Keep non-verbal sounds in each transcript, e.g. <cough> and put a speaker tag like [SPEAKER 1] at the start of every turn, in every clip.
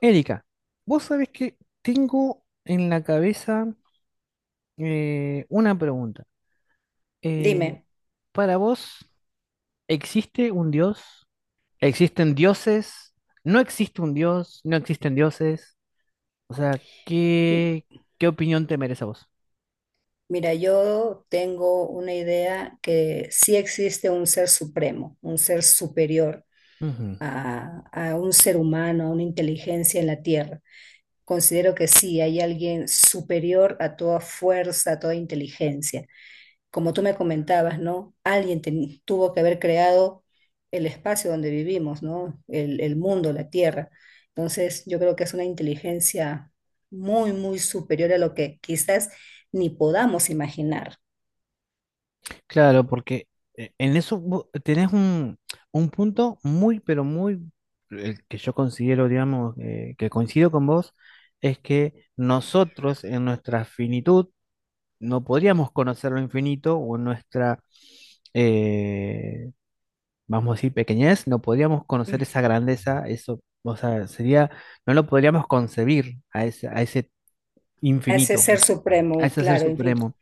[SPEAKER 1] Erika, vos sabés que tengo en la cabeza una pregunta. Eh,
[SPEAKER 2] Dime.
[SPEAKER 1] para vos, ¿existe un dios? ¿Existen dioses? ¿No existe un dios? ¿No existen dioses? O sea,
[SPEAKER 2] m-
[SPEAKER 1] ¿qué, qué opinión te merece a vos?
[SPEAKER 2] Mira, yo tengo una idea que sí existe un ser supremo, un ser superior
[SPEAKER 1] Ujú.
[SPEAKER 2] a un ser humano, a una inteligencia en la Tierra. Considero que sí, hay alguien superior a toda fuerza, a toda inteligencia. Como tú me comentabas, ¿no? Alguien tuvo que haber creado el espacio donde vivimos, ¿no? El mundo, la tierra. Entonces, yo creo que es una inteligencia muy superior a lo que quizás ni podamos imaginar.
[SPEAKER 1] Claro, porque en eso tenés un punto muy, pero muy, el que yo considero, digamos, que coincido con vos, es que nosotros en nuestra finitud, no podríamos conocer lo infinito o en nuestra, eh, vamos a decir, pequeñez, no podríamos conocer
[SPEAKER 2] Mm.
[SPEAKER 1] esa grandeza, eso, o sea, sería, no lo podríamos concebir a ese
[SPEAKER 2] A ese
[SPEAKER 1] infinito,
[SPEAKER 2] ser
[SPEAKER 1] pues, a
[SPEAKER 2] supremo,
[SPEAKER 1] ese ser
[SPEAKER 2] claro, infinito.
[SPEAKER 1] supremo.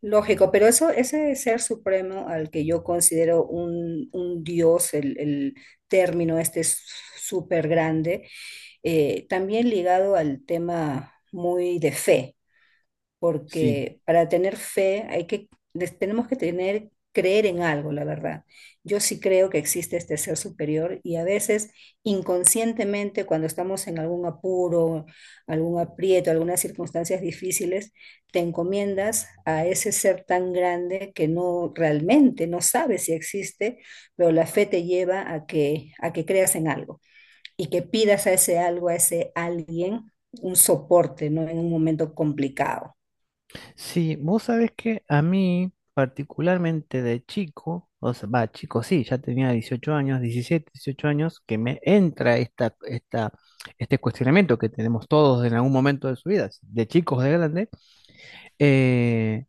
[SPEAKER 2] Lógico, pero eso, ese ser supremo al que yo considero un dios, el término este es súper grande, también ligado al tema muy de fe
[SPEAKER 1] Sí,
[SPEAKER 2] porque para tener fe hay que, tenemos que tener, creer en algo, la verdad. Yo sí creo que existe este ser superior y a veces inconscientemente cuando estamos en algún apuro, algún aprieto, algunas circunstancias difíciles, te encomiendas a ese ser tan grande que no realmente no sabes si existe, pero la fe te lleva a que creas en algo y que pidas a ese algo, a ese alguien, un soporte, ¿no? En un momento complicado.
[SPEAKER 1] sí, vos sabés que a mí, particularmente de chico, o sea, va, chico, sí, ya tenía 18 años, 17 18 años, que me entra esta, este cuestionamiento que tenemos todos en algún momento de su vida, de chicos, de grandes, eh,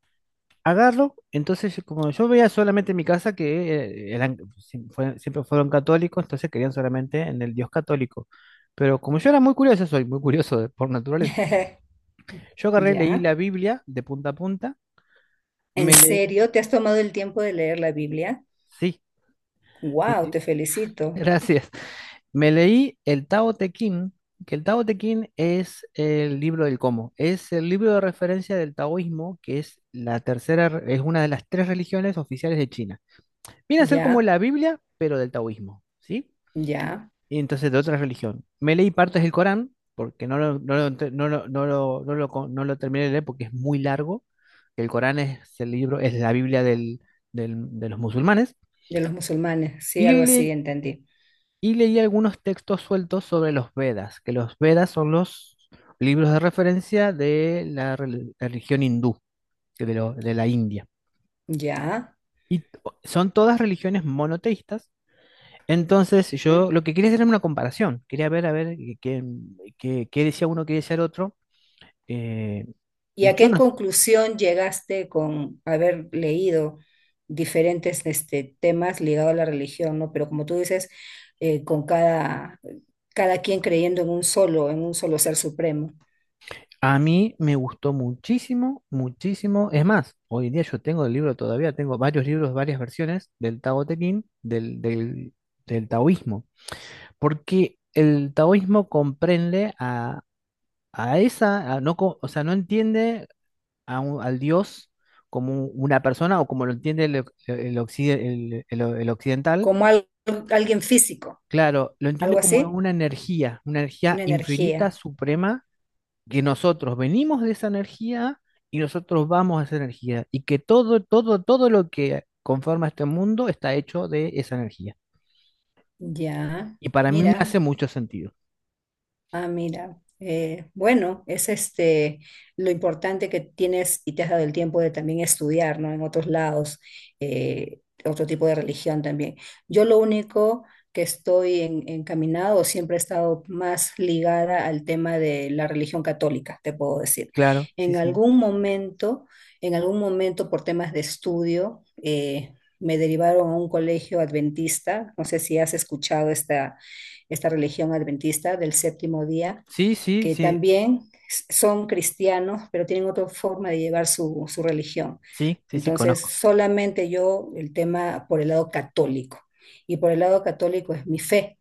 [SPEAKER 1] agarro, entonces como yo veía solamente en mi casa que eran, siempre fueron católicos, entonces creían solamente en el Dios católico. Pero como yo era muy curioso, soy muy curioso por naturaleza,
[SPEAKER 2] <laughs>
[SPEAKER 1] yo agarré, leí
[SPEAKER 2] Ya.
[SPEAKER 1] la Biblia de punta a punta,
[SPEAKER 2] ¿En
[SPEAKER 1] me leí,
[SPEAKER 2] serio? ¿Te has tomado el tiempo de leer la Biblia?
[SPEAKER 1] sí, sí,
[SPEAKER 2] Wow,
[SPEAKER 1] sí,
[SPEAKER 2] te
[SPEAKER 1] <laughs>
[SPEAKER 2] felicito.
[SPEAKER 1] gracias, me leí el Tao Te Ching, que el Tao Te Ching es el libro del cómo, es el libro de referencia del taoísmo, que es la tercera, es una de las tres religiones oficiales de China. Viene a ser como
[SPEAKER 2] Ya,
[SPEAKER 1] la Biblia, pero del taoísmo, ¿sí?
[SPEAKER 2] ya.
[SPEAKER 1] Y entonces de otra religión. Me leí partes del Corán, porque no lo, no lo no lo- no lo- no lo co- no lo terminé de leer porque es muy largo. El Corán es el libro, es la Biblia de los musulmanes.
[SPEAKER 2] De los musulmanes, sí,
[SPEAKER 1] Y,
[SPEAKER 2] algo así, entendí.
[SPEAKER 1] y leí algunos textos sueltos sobre los Vedas, que los Vedas son los libros de referencia de la religión hindú, que de, de la India.
[SPEAKER 2] Ya.
[SPEAKER 1] Y son todas religiones monoteístas. Entonces,
[SPEAKER 2] ¿Mm?
[SPEAKER 1] yo lo que quería hacer era una comparación. Quería ver, a ver, qué decía uno, qué decía el otro. Eh,
[SPEAKER 2] ¿Y a
[SPEAKER 1] yo
[SPEAKER 2] qué
[SPEAKER 1] sé.
[SPEAKER 2] conclusión llegaste con haber leído diferentes este, temas ligados a la religión, ¿no? Pero como tú dices, con cada, cada quien creyendo en un solo ser supremo,
[SPEAKER 1] A mí me gustó muchísimo, muchísimo. Es más, hoy en día yo tengo el libro todavía, tengo varios libros, varias versiones del Tao Te Ching, del taoísmo. Porque el taoísmo comprende a esa, a no, o sea, no entiende a al Dios como una persona o como lo entiende el occidental.
[SPEAKER 2] como alguien físico,
[SPEAKER 1] Claro, lo
[SPEAKER 2] algo
[SPEAKER 1] entiendo como
[SPEAKER 2] así,
[SPEAKER 1] una energía
[SPEAKER 2] una
[SPEAKER 1] infinita,
[SPEAKER 2] energía.
[SPEAKER 1] suprema, que nosotros venimos de esa energía y nosotros vamos a esa energía, y que todo, todo, todo lo que conforma este mundo está hecho de esa energía.
[SPEAKER 2] Ya,
[SPEAKER 1] Y para mí me hace
[SPEAKER 2] mira,
[SPEAKER 1] mucho sentido.
[SPEAKER 2] ah, mira. Bueno, es este lo importante que tienes y te has dado el tiempo de también estudiar, ¿no? En otros lados, eh, otro tipo de religión también. Yo lo único que estoy encaminado, siempre he estado más ligada al tema de la religión católica, te puedo decir.
[SPEAKER 1] Claro, sí,
[SPEAKER 2] En
[SPEAKER 1] sí.
[SPEAKER 2] algún momento, en algún momento por temas de estudio, me derivaron a un colegio adventista, no sé si has escuchado esta esta religión adventista del séptimo día,
[SPEAKER 1] Sí, sí,
[SPEAKER 2] que
[SPEAKER 1] sí,
[SPEAKER 2] también son cristianos, pero tienen otra forma de llevar su religión.
[SPEAKER 1] sí, sí, sí,
[SPEAKER 2] Entonces,
[SPEAKER 1] conozco.
[SPEAKER 2] solamente yo el tema por el lado católico. Y por el lado católico es mi fe,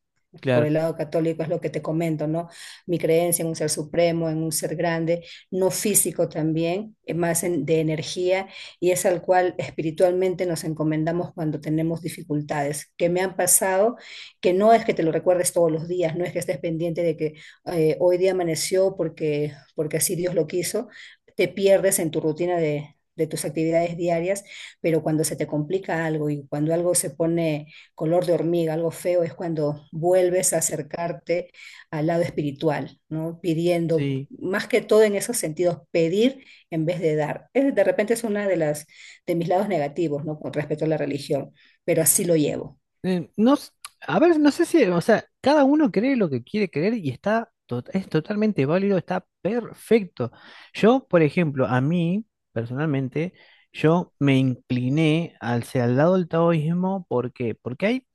[SPEAKER 2] por
[SPEAKER 1] Claro,
[SPEAKER 2] el lado católico es lo que te comento, ¿no? Mi creencia en un ser supremo, en un ser grande, no físico también, es más de energía, y es al cual espiritualmente nos encomendamos cuando tenemos dificultades que me han pasado, que no es que te lo recuerdes todos los días, no es que estés pendiente de que hoy día amaneció porque, porque así Dios lo quiso, te pierdes en tu rutina de tus actividades diarias, pero cuando se te complica algo y cuando algo se pone color de hormiga, algo feo, es cuando vuelves a acercarte al lado espiritual, ¿no? Pidiendo,
[SPEAKER 1] sí.
[SPEAKER 2] más que todo en esos sentidos, pedir en vez de dar. Es, de repente es una de las de mis lados negativos, ¿no? Con respecto a la religión, pero así lo llevo.
[SPEAKER 1] eh, no, s- a ver, no sé si, o sea, cada uno cree lo que quiere creer y está, es totalmente válido, está perfecto. Yo, por ejemplo, a mí, personalmente, yo me incliné hacia el lado del taoísmo, ¿por qué? Porque hay,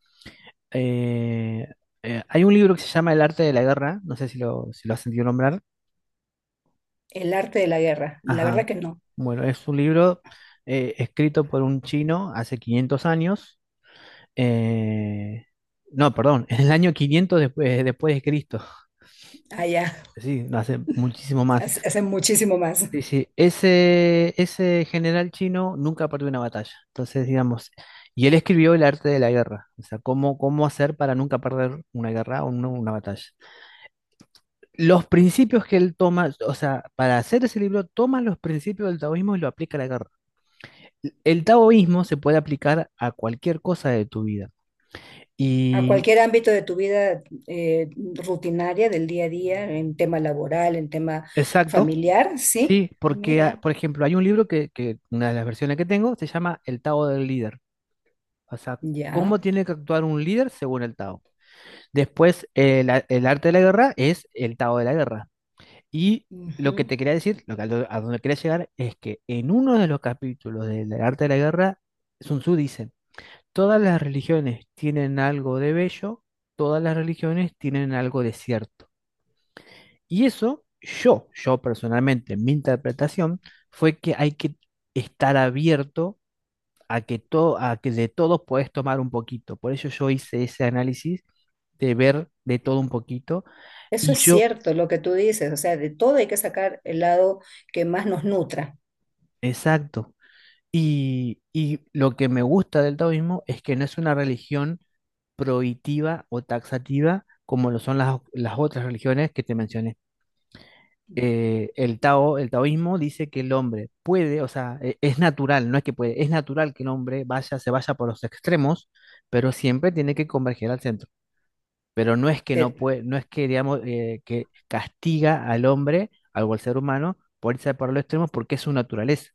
[SPEAKER 1] eh, hay un libro que se llama El arte de la guerra, no sé si lo, si lo has sentido nombrar.
[SPEAKER 2] El arte de la guerra, la verdad
[SPEAKER 1] Ajá.
[SPEAKER 2] que no.
[SPEAKER 1] Bueno, es un libro escrito por un chino hace 500 años. Eh, no, perdón, <laughs> en el año 500 después, después de Cristo.
[SPEAKER 2] Allá
[SPEAKER 1] Sí, hace muchísimo más.
[SPEAKER 2] hacen muchísimo más.
[SPEAKER 1] Sí, sí, ese general chino nunca perdió una batalla. Entonces, digamos, y él escribió el arte de la guerra, o sea, cómo, cómo hacer para nunca perder una guerra o una batalla. Los principios que él toma, o sea, para hacer ese libro, toma los principios del taoísmo y lo aplica a la guerra. El taoísmo se puede aplicar a cualquier cosa de tu vida.
[SPEAKER 2] A
[SPEAKER 1] Y,
[SPEAKER 2] cualquier ámbito de tu vida eh, rutinaria, del día a día, en tema laboral, en tema
[SPEAKER 1] exacto.
[SPEAKER 2] familiar, sí.
[SPEAKER 1] Sí, porque, ah,
[SPEAKER 2] Mira,
[SPEAKER 1] por ejemplo, hay un libro que una de las versiones que tengo se llama El Tao del Líder. O sea, cómo
[SPEAKER 2] ya.
[SPEAKER 1] tiene que actuar un líder según el Tao. Después, el arte de la guerra es el Tao de la guerra. Y
[SPEAKER 2] Ujú.
[SPEAKER 1] lo que te quería decir, lo que, a donde quería llegar, es que en uno de los capítulos del arte de la guerra, Sun Tzu dice, todas las religiones tienen algo de bello, todas las religiones tienen algo de cierto. Y eso, yo personalmente, mi interpretación fue que hay que estar abierto a que todo, a que de todos puedes tomar un poquito. Por eso yo hice ese análisis de ver de todo un poquito.
[SPEAKER 2] Eso
[SPEAKER 1] Y
[SPEAKER 2] es
[SPEAKER 1] yo,
[SPEAKER 2] cierto, lo que tú dices, o sea, de todo hay que sacar el lado que más nos nutra.
[SPEAKER 1] exacto. Y lo que me gusta del taoísmo es que no es una religión prohibitiva o taxativa como lo son las otras religiones que te mencioné. El Tao, el taoísmo dice que el hombre puede, o sea, es natural, no es que puede, es natural que el hombre vaya, se vaya por los extremos, pero siempre tiene que converger al centro. Pero no es que no
[SPEAKER 2] De-
[SPEAKER 1] puede, no es que digamos que castiga al hombre, algo al ser humano, por irse por los extremos porque es su naturaleza.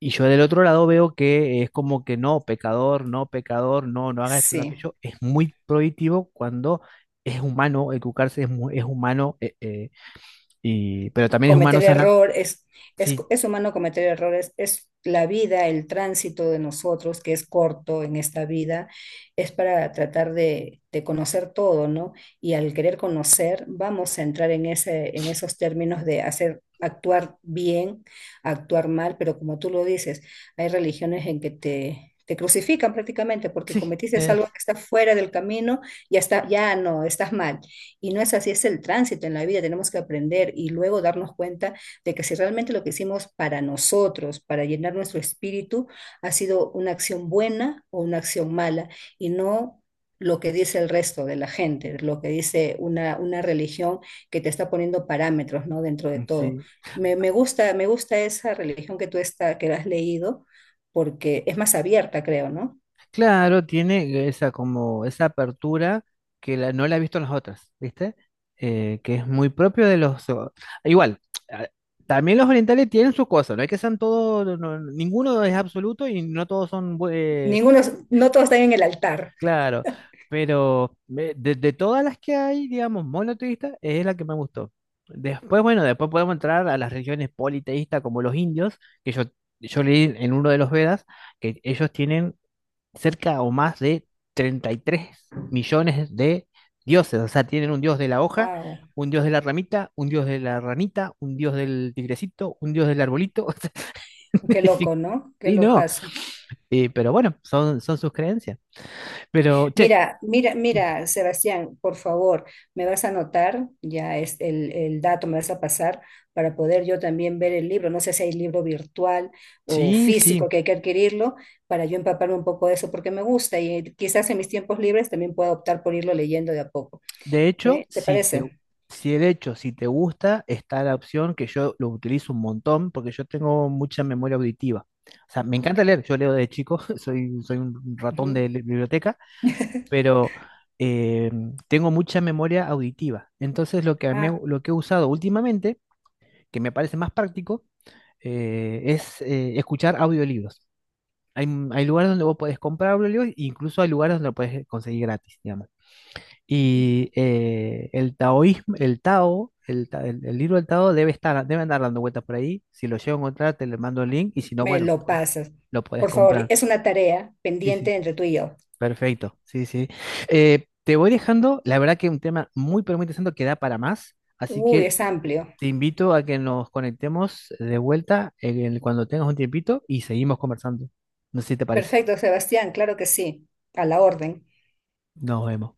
[SPEAKER 1] Y yo del otro lado veo que es como que no, pecador, no, pecador, no, no haga esto, no
[SPEAKER 2] sí.
[SPEAKER 1] aquello. Es muy prohibitivo cuando es humano educarse, es, es humano y, pero también es humano
[SPEAKER 2] Cometer
[SPEAKER 1] sanar.
[SPEAKER 2] errores,
[SPEAKER 1] Sí,
[SPEAKER 2] es, humano cometer errores, es la vida, el tránsito de nosotros, que es corto en esta vida, es para tratar de conocer todo, ¿no? Y al querer conocer, vamos a entrar en, ese, en esos términos de hacer, actuar bien, actuar mal, pero como tú lo dices, hay religiones en que te crucifican prácticamente porque
[SPEAKER 1] sí,
[SPEAKER 2] cometiste algo
[SPEAKER 1] es,
[SPEAKER 2] que está fuera del camino, ya está, ya no, estás mal. Y no es así, es el tránsito en la vida, tenemos que aprender y luego darnos cuenta de que si realmente lo que hicimos para nosotros, para llenar nuestro espíritu, ha sido una acción buena o una acción mala y no lo que dice el resto de la gente, lo que dice una religión que te está poniendo parámetros, ¿no? Dentro de todo.
[SPEAKER 1] sí.
[SPEAKER 2] Me gusta, me gusta esa religión que tú está, que has leído porque es más abierta, creo, ¿no?
[SPEAKER 1] Claro, tiene esa como esa apertura que no la he visto en las otras, ¿viste? Que es muy propio de los. Igual, a- también los orientales tienen sus cosas, no hay que sean todos, ninguno es absoluto y no todos son.
[SPEAKER 2] Ninguno, no todos están en el altar.
[SPEAKER 1] Claro, pero de todas las que hay, digamos, monoteístas, es la que me gustó. Después, bueno, después podemos entrar a las religiones politeístas como los indios, que yo leí en uno de los Vedas, que ellos tienen cerca o más de 33 millones de dioses, o sea, tienen un dios de la hoja,
[SPEAKER 2] Wow,
[SPEAKER 1] un dios de la ramita, un dios de la ranita, un dios del tigrecito, un dios del arbolito. <laughs> O sea,
[SPEAKER 2] qué
[SPEAKER 1] <laughs>
[SPEAKER 2] loco, ¿no? Qué
[SPEAKER 1] sí, no,
[SPEAKER 2] locazo.
[SPEAKER 1] pero bueno, son, son sus creencias. Pero, che.
[SPEAKER 2] Mira, mira, mira, Sebastián, por favor, me vas a anotar ya es el dato, me vas a pasar para poder yo también ver el libro. No sé si hay libro virtual o
[SPEAKER 1] Sí, sí.
[SPEAKER 2] físico que hay que adquirirlo para yo empaparme un poco de eso porque me gusta y quizás en mis tiempos libres también pueda optar por irlo leyendo de a poco.
[SPEAKER 1] De hecho,
[SPEAKER 2] ¿Eh? ¿Te
[SPEAKER 1] si te,
[SPEAKER 2] parece?
[SPEAKER 1] si de hecho, si te gusta, está la opción que yo lo utilizo un montón porque yo tengo mucha memoria auditiva. O sea, me encanta leer, yo leo de chico, <laughs> soy, soy un ratón
[SPEAKER 2] Ujú.
[SPEAKER 1] de biblioteca, pero eh, tengo mucha memoria auditiva. Entonces, lo que,
[SPEAKER 2] Ah,
[SPEAKER 1] lo que he usado últimamente, que me parece más práctico, es escuchar audiolibros. Hay, hay lugares donde vos podés comprar audiolibros, e incluso hay lugares donde lo podés conseguir gratis, digamos. Y el taoísmo, el Tao, el libro del Tao debe estar, debe andar dando vueltas por ahí. Si lo llego a encontrar, te le mando el link y si no,
[SPEAKER 2] me
[SPEAKER 1] bueno,
[SPEAKER 2] lo
[SPEAKER 1] pues,
[SPEAKER 2] pasas.
[SPEAKER 1] lo puedes
[SPEAKER 2] Por favor,
[SPEAKER 1] comprar.
[SPEAKER 2] es una tarea
[SPEAKER 1] Sí,
[SPEAKER 2] pendiente
[SPEAKER 1] sí.
[SPEAKER 2] entre tú y yo.
[SPEAKER 1] Perfecto, sí, sí. Te voy dejando, la verdad que un tema muy, pero muy interesante que da para más, así
[SPEAKER 2] Uy,
[SPEAKER 1] que
[SPEAKER 2] es amplio.
[SPEAKER 1] te invito a que nos conectemos de vuelta en cuando tengas un tiempito y seguimos conversando. No sé si te parece.
[SPEAKER 2] Perfecto, Sebastián, claro que sí. A la orden.
[SPEAKER 1] Nos vemos.